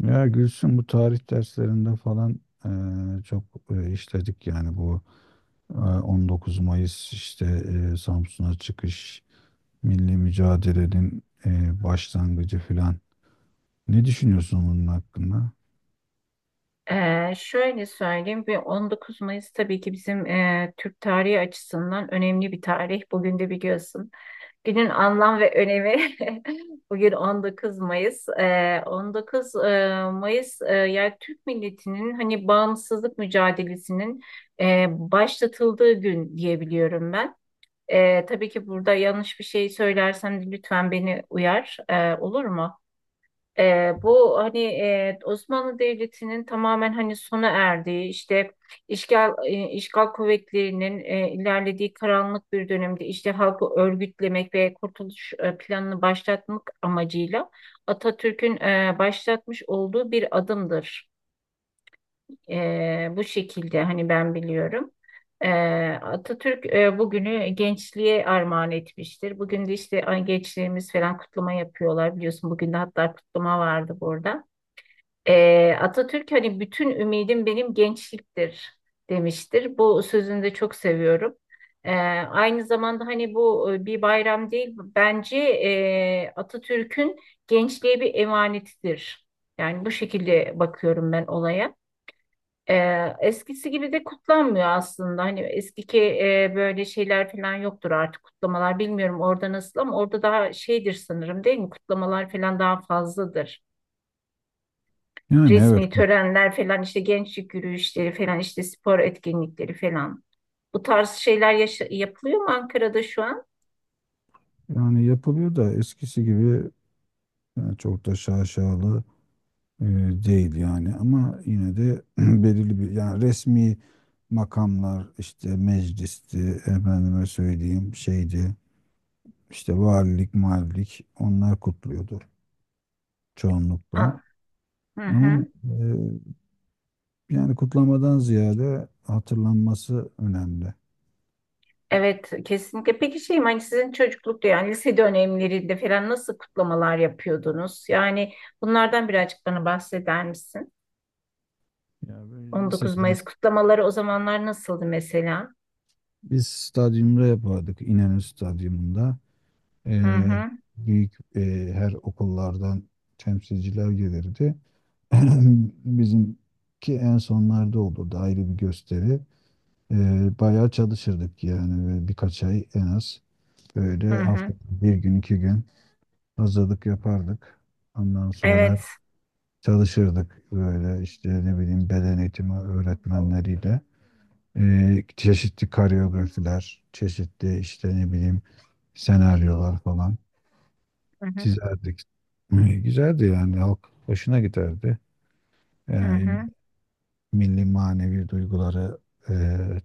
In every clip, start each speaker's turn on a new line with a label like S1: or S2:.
S1: Ya Gülsün, bu tarih derslerinde falan çok işledik yani bu 19 Mayıs işte, Samsun'a çıkış, milli mücadelenin başlangıcı falan. Ne düşünüyorsun bunun hakkında?
S2: Şöyle söyleyeyim ve 19 Mayıs tabii ki bizim Türk tarihi açısından önemli bir tarih. Bugün de biliyorsun. Günün anlam ve önemi bugün 19 Mayıs. 19 Mayıs, yani Türk milletinin hani bağımsızlık mücadelesinin başlatıldığı gün diyebiliyorum ben. Tabii ki burada yanlış bir şey söylersem de lütfen beni uyar. Olur mu? Bu hani Osmanlı Devleti'nin tamamen hani sona erdiği işte işgal kuvvetlerinin ilerlediği karanlık bir dönemde işte halkı örgütlemek ve kurtuluş planını başlatmak amacıyla Atatürk'ün başlatmış olduğu bir adımdır. E, Bu şekilde hani ben biliyorum. E, Atatürk bugünü gençliğe armağan etmiştir. Bugün de işte ay, gençliğimiz falan kutlama yapıyorlar biliyorsun. Bugün de hatta kutlama vardı burada. Atatürk hani bütün ümidim benim gençliktir demiştir. Bu sözünü de çok seviyorum. Ee, Aynı zamanda hani bu bir bayram değil, bence Atatürk'ün gençliğe bir emanetidir. Yani bu şekilde bakıyorum ben olaya. Eskisi gibi de kutlanmıyor aslında. Hani eskiki böyle şeyler falan yoktur artık, kutlamalar. Bilmiyorum orada nasıl, ama orada daha şeydir sanırım, değil mi? Kutlamalar falan daha fazladır,
S1: Yani evet,
S2: resmi törenler falan, işte gençlik yürüyüşleri falan, işte spor etkinlikleri falan. Bu tarz şeyler yapılıyor mu Ankara'da şu an?
S1: yani yapılıyor da eskisi gibi çok da şaşalı değil yani, ama yine de belirli bir yani resmi makamlar işte meclisti, efendime söyleyeyim şeydi. İşte valilik, malilik onlar kutluyordu çoğunlukla.
S2: Aa, hı
S1: Ama
S2: hı.
S1: yani kutlamadan ziyade hatırlanması önemli.
S2: Evet, kesinlikle. Peki şeyim, hani sizin çocuklukta, yani lise dönemlerinde falan nasıl kutlamalar yapıyordunuz? Yani bunlardan birazcık bana bahseder misin?
S1: Ya böyle
S2: 19
S1: lisede
S2: Mayıs kutlamaları o zamanlar nasıldı mesela?
S1: biz stadyumda yapardık, İnönü Stadyumunda. E,
S2: Hı hı
S1: Büyük, her okullardan temsilciler gelirdi. Bizimki en sonlarda olurdu, ayrı bir gösteri. E, Bayağı çalışırdık yani, ve birkaç ay en az
S2: hı
S1: böyle
S2: hı.
S1: haftada bir gün iki gün hazırlık yapardık. Ondan sonra
S2: Evet.
S1: çalışırdık böyle işte, ne bileyim, beden eğitimi öğretmenleriyle. Çeşitli koreografiler, çeşitli işte ne bileyim senaryolar falan
S2: Hı hı
S1: çizerdik. Güzeldi yani, halk hoşuna giderdi.
S2: hı
S1: Ee,
S2: hı.
S1: Milli manevi duyguları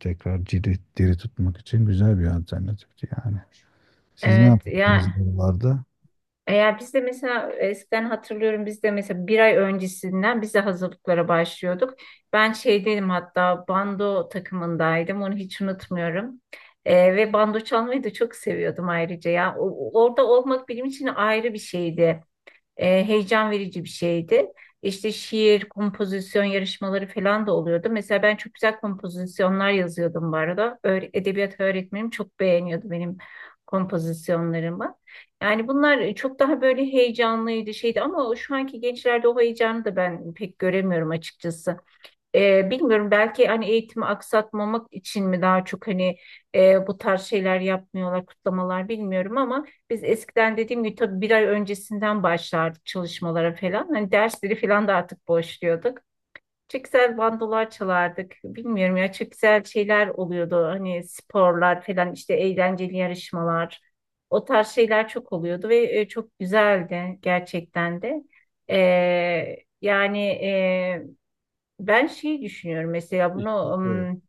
S1: tekrar diri tutmak için güzel bir alternatifti yani. Siz ne
S2: Evet
S1: yaptınız
S2: ya.
S1: buralarda?
S2: Eğer biz de mesela, eskiden hatırlıyorum, biz de mesela bir ay öncesinden biz de hazırlıklara başlıyorduk. Ben şeydeydim, hatta bando takımındaydım, onu hiç unutmuyorum. Ve bando çalmayı da çok seviyordum ayrıca ya. Orada olmak benim için ayrı bir şeydi. Heyecan verici bir şeydi. İşte şiir, kompozisyon yarışmaları falan da oluyordu. Mesela ben çok güzel kompozisyonlar yazıyordum bu arada. Edebiyat öğretmenim çok beğeniyordu benim kompozisyonlarımı. Yani bunlar çok daha böyle heyecanlıydı şeydi, ama şu anki gençlerde o heyecanı da ben pek göremiyorum açıkçası. Bilmiyorum, belki hani eğitimi aksatmamak için mi daha çok hani bu tarz şeyler yapmıyorlar, kutlamalar bilmiyorum, ama biz eskiden dediğim gibi tabii bir ay öncesinden başlardık çalışmalara falan. Hani dersleri falan da artık boşluyorduk. Çok güzel bandolar çalardık. Bilmiyorum ya, çok güzel şeyler oluyordu. Hani sporlar falan, işte eğlenceli yarışmalar. O tarz şeyler çok oluyordu ve çok güzeldi gerçekten de. E, Yani ben şeyi düşünüyorum mesela bunu.
S1: İşte,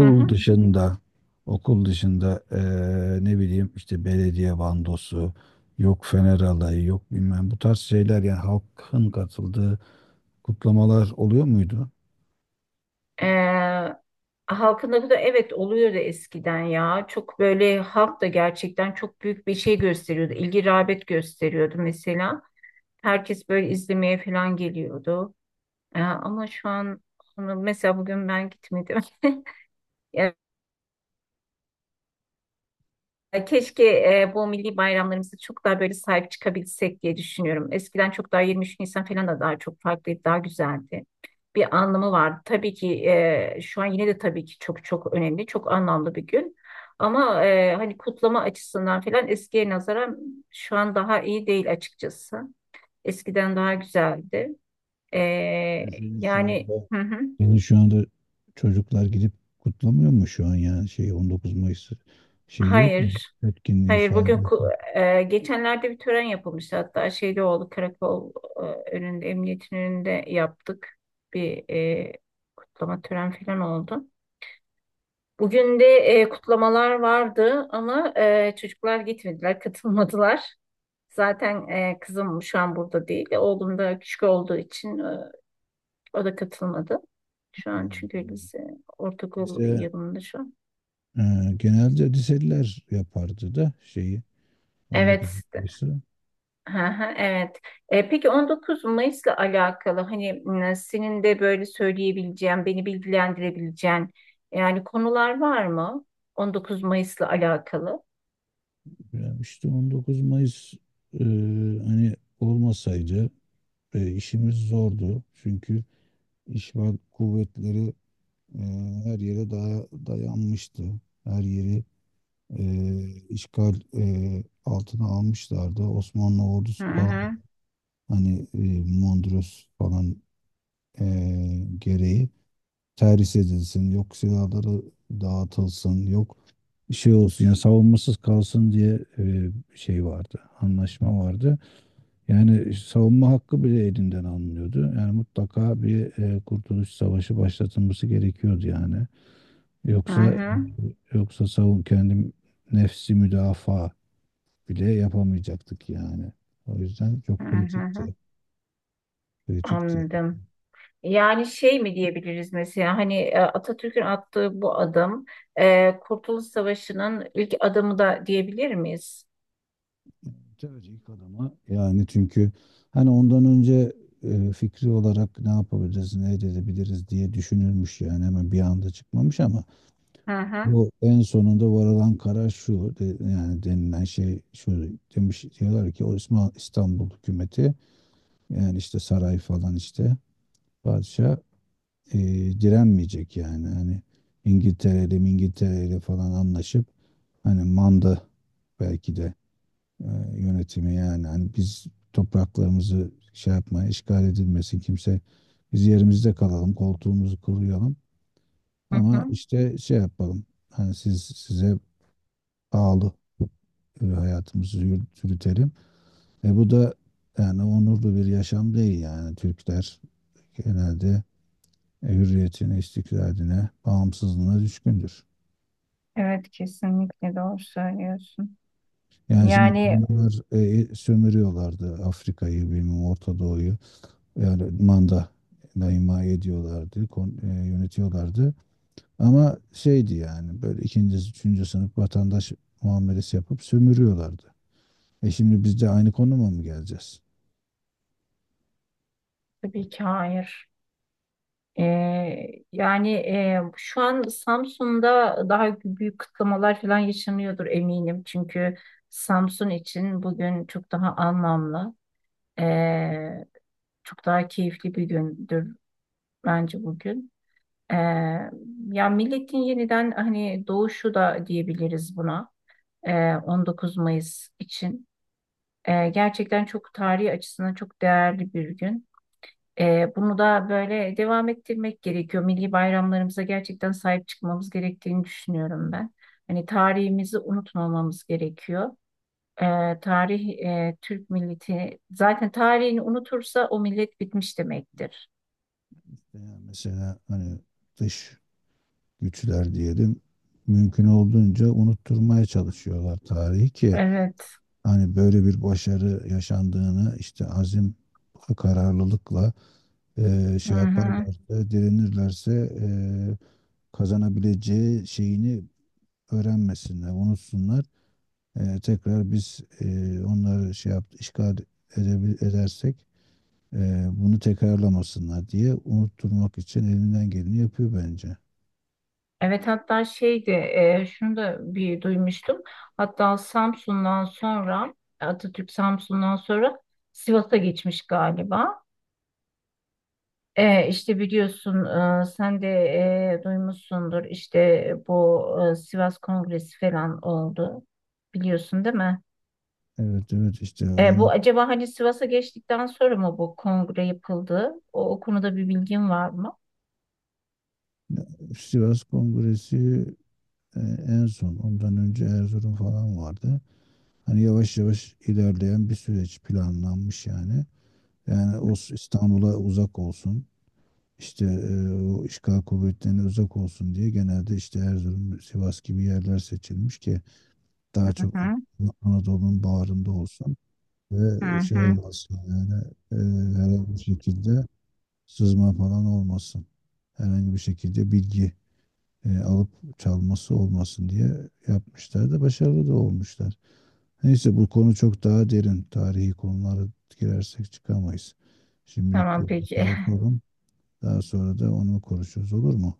S2: Hı hı.
S1: dışında, okul dışında ne bileyim işte belediye bandosu, yok Fener alayı, yok bilmem, bu tarz şeyler yani halkın katıldığı kutlamalar oluyor muydu?
S2: eee, Halkında bu da, evet, oluyordu eskiden ya. Çok böyle halk da gerçekten çok büyük bir şey gösteriyordu. İlgi, rağbet gösteriyordu mesela. Herkes böyle izlemeye falan geliyordu. Ama şu an onu mesela bugün ben gitmedim. Keşke bu milli bayramlarımıza çok daha böyle sahip çıkabilsek diye düşünüyorum. Eskiden çok daha 23 Nisan falan da daha çok farklıydı, daha güzeldi. Bir anlamı vardı. Tabii ki şu an yine de tabii ki çok çok önemli, çok anlamlı bir gün. Ama hani kutlama açısından falan eskiye nazaran şu an daha iyi değil açıkçası. Eskiden daha güzeldi. E,
S1: Yani senin şu anda,
S2: Yani, hı hı.
S1: senin şu anda çocuklar gidip kutlamıyor mu şu an, yani şey 19 Mayıs, şey yok mu?
S2: Hayır.
S1: Etkinliği
S2: Hayır,
S1: falan.
S2: bugün geçenlerde bir tören yapılmıştı, hatta şeyde oldu, karakol e, önünde, emniyetin önünde yaptık bir kutlama tören falan oldu. Bugün de kutlamalar vardı, ama çocuklar gitmediler katılmadılar. Zaten kızım şu an burada değil, oğlum da küçük olduğu için o da katılmadı. Şu an çünkü lise, ortaokul
S1: Bize
S2: yılında şu an.
S1: genelde liseliler yapardı da şeyi, 19
S2: Evet.
S1: Mayıs'ı.
S2: Hı hı. Evet. Peki 19 Mayıs'la alakalı, hani, senin de böyle söyleyebileceğin, beni bilgilendirebileceğin, yani konular var mı? 19 Mayıs'la alakalı.
S1: Ya işte 19 Mayıs e, hani olmasaydı işimiz zordu. Çünkü işgal kuvvetleri e, her yere dayanmıştı. Her yeri işgal altına almışlardı. Osmanlı
S2: Hı
S1: ordusu falan
S2: hı,
S1: hani, Mondros falan e, gereği terhis edilsin, yok silahları dağıtılsın, yok şey olsun yani savunmasız kalsın diye şey vardı, anlaşma vardı. Yani savunma hakkı bile elinden alınıyordu. Yani mutlaka bir kurtuluş savaşı başlatılması gerekiyordu yani.
S2: hı
S1: Yoksa
S2: hı,
S1: yoksa savun kendim, nefsi müdafaa bile yapamayacaktık yani. O yüzden
S2: hı
S1: çok
S2: hı, hı.
S1: kritikti. Kritikti.
S2: Anladım. Yani şey mi diyebiliriz mesela, hani Atatürk'ün attığı bu adım, Kurtuluş Savaşı'nın ilk adımı da diyebilir miyiz?
S1: Tabii ilk adama yani, çünkü hani ondan önce fikri olarak ne yapabiliriz, ne edebiliriz diye düşünülmüş yani, hemen bir anda çıkmamış. Ama
S2: Hı hı.
S1: bu en sonunda varılan karar şu, yani denilen şey şu, demiş. Diyorlar ki o İstanbul hükümeti, yani işte saray falan, işte padişah e, direnmeyecek, yani hani İngiltere'li falan anlaşıp, hani manda belki de e, yönetimi, yani hani biz topraklarımızı şey yapmaya, işgal edilmesin kimse, biz yerimizde kalalım, koltuğumuzu kuruyalım,
S2: Hı
S1: ama
S2: hı.
S1: işte şey yapalım hani, siz size pahalı hayatımızı yürütelim. E bu da yani onurlu bir yaşam değil. Yani Türkler genelde hürriyetine, istiklaline, bağımsızlığına düşkündür.
S2: Evet, kesinlikle doğru söylüyorsun.
S1: Yani şimdi
S2: Yani,
S1: bunlar sömürüyorlardı Afrika'yı, bilmem Orta Doğu'yu. Yani manda ima ediyorlardı, yönetiyorlardı. Ama şeydi yani, böyle ikinci, üçüncü sınıf vatandaş muamelesi yapıp sömürüyorlardı. E şimdi biz de aynı konuma mı geleceğiz?
S2: tabii ki hayır. Ee, Yani, şu an Samsun'da daha büyük kıtlamalar falan yaşanıyordur eminim. Çünkü Samsun için bugün çok daha anlamlı, ee, çok daha keyifli bir gündür bence bugün. Ee, Ya, milletin yeniden hani doğuşu da diyebiliriz buna. 19 Mayıs için. Gerçekten çok tarihi açısından çok değerli bir gün. Bunu da böyle devam ettirmek gerekiyor. Milli bayramlarımıza gerçekten sahip çıkmamız gerektiğini düşünüyorum ben. Hani tarihimizi unutmamamız gerekiyor. Tarih, Türk milleti zaten tarihini unutursa o millet bitmiş demektir.
S1: Yani mesela hani dış güçler diyelim, mümkün olduğunca unutturmaya çalışıyorlar tarihi, ki
S2: Evet.
S1: hani böyle bir başarı yaşandığını, işte azim kararlılıkla
S2: Hı
S1: şey
S2: hı.
S1: yaparlarsa, direnirlerse e, kazanabileceği şeyini öğrenmesinler, unutsunlar. Tekrar biz onları şey yap, işgal edersek bunu tekrarlamasınlar diye, unutturmak için elinden geleni yapıyor bence.
S2: Evet, hatta şeydi, şunu da bir duymuştum. Hatta Samsun'dan sonra, Atatürk Samsun'dan sonra Sivas'a geçmiş galiba. İşte biliyorsun, sen de duymuşsundur, işte bu Sivas Kongresi falan oldu. Biliyorsun, değil mi?
S1: Evet evet, işte
S2: Bu
S1: onu.
S2: acaba hani Sivas'a geçtikten sonra mı bu kongre yapıldı? O konuda bir bilgin var mı?
S1: Sivas Kongresi, e, en son, ondan önce Erzurum falan vardı. Hani yavaş yavaş ilerleyen bir süreç planlanmış yani. Yani o İstanbul'a uzak olsun, işte o işgal kuvvetlerine uzak olsun diye genelde işte Erzurum, Sivas gibi yerler seçilmiş ki daha
S2: Hı
S1: çok
S2: hı,
S1: Anadolu'nun bağrında olsun
S2: hı
S1: ve şey
S2: hı.
S1: olmasın yani, e, herhangi bir şekilde sızma falan olmasın. Herhangi bir şekilde bilgi alıp çalması olmasın diye yapmışlar, da başarılı da olmuşlar. Neyse, bu konu çok daha derin. Tarihi konulara girersek çıkamayız. Şimdilik
S2: Tamam,
S1: burada şey
S2: peki.
S1: yapalım. Daha sonra da onu konuşuruz, olur mu?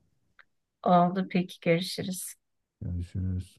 S2: Oldu, peki, görüşürüz.
S1: Görüşürüz.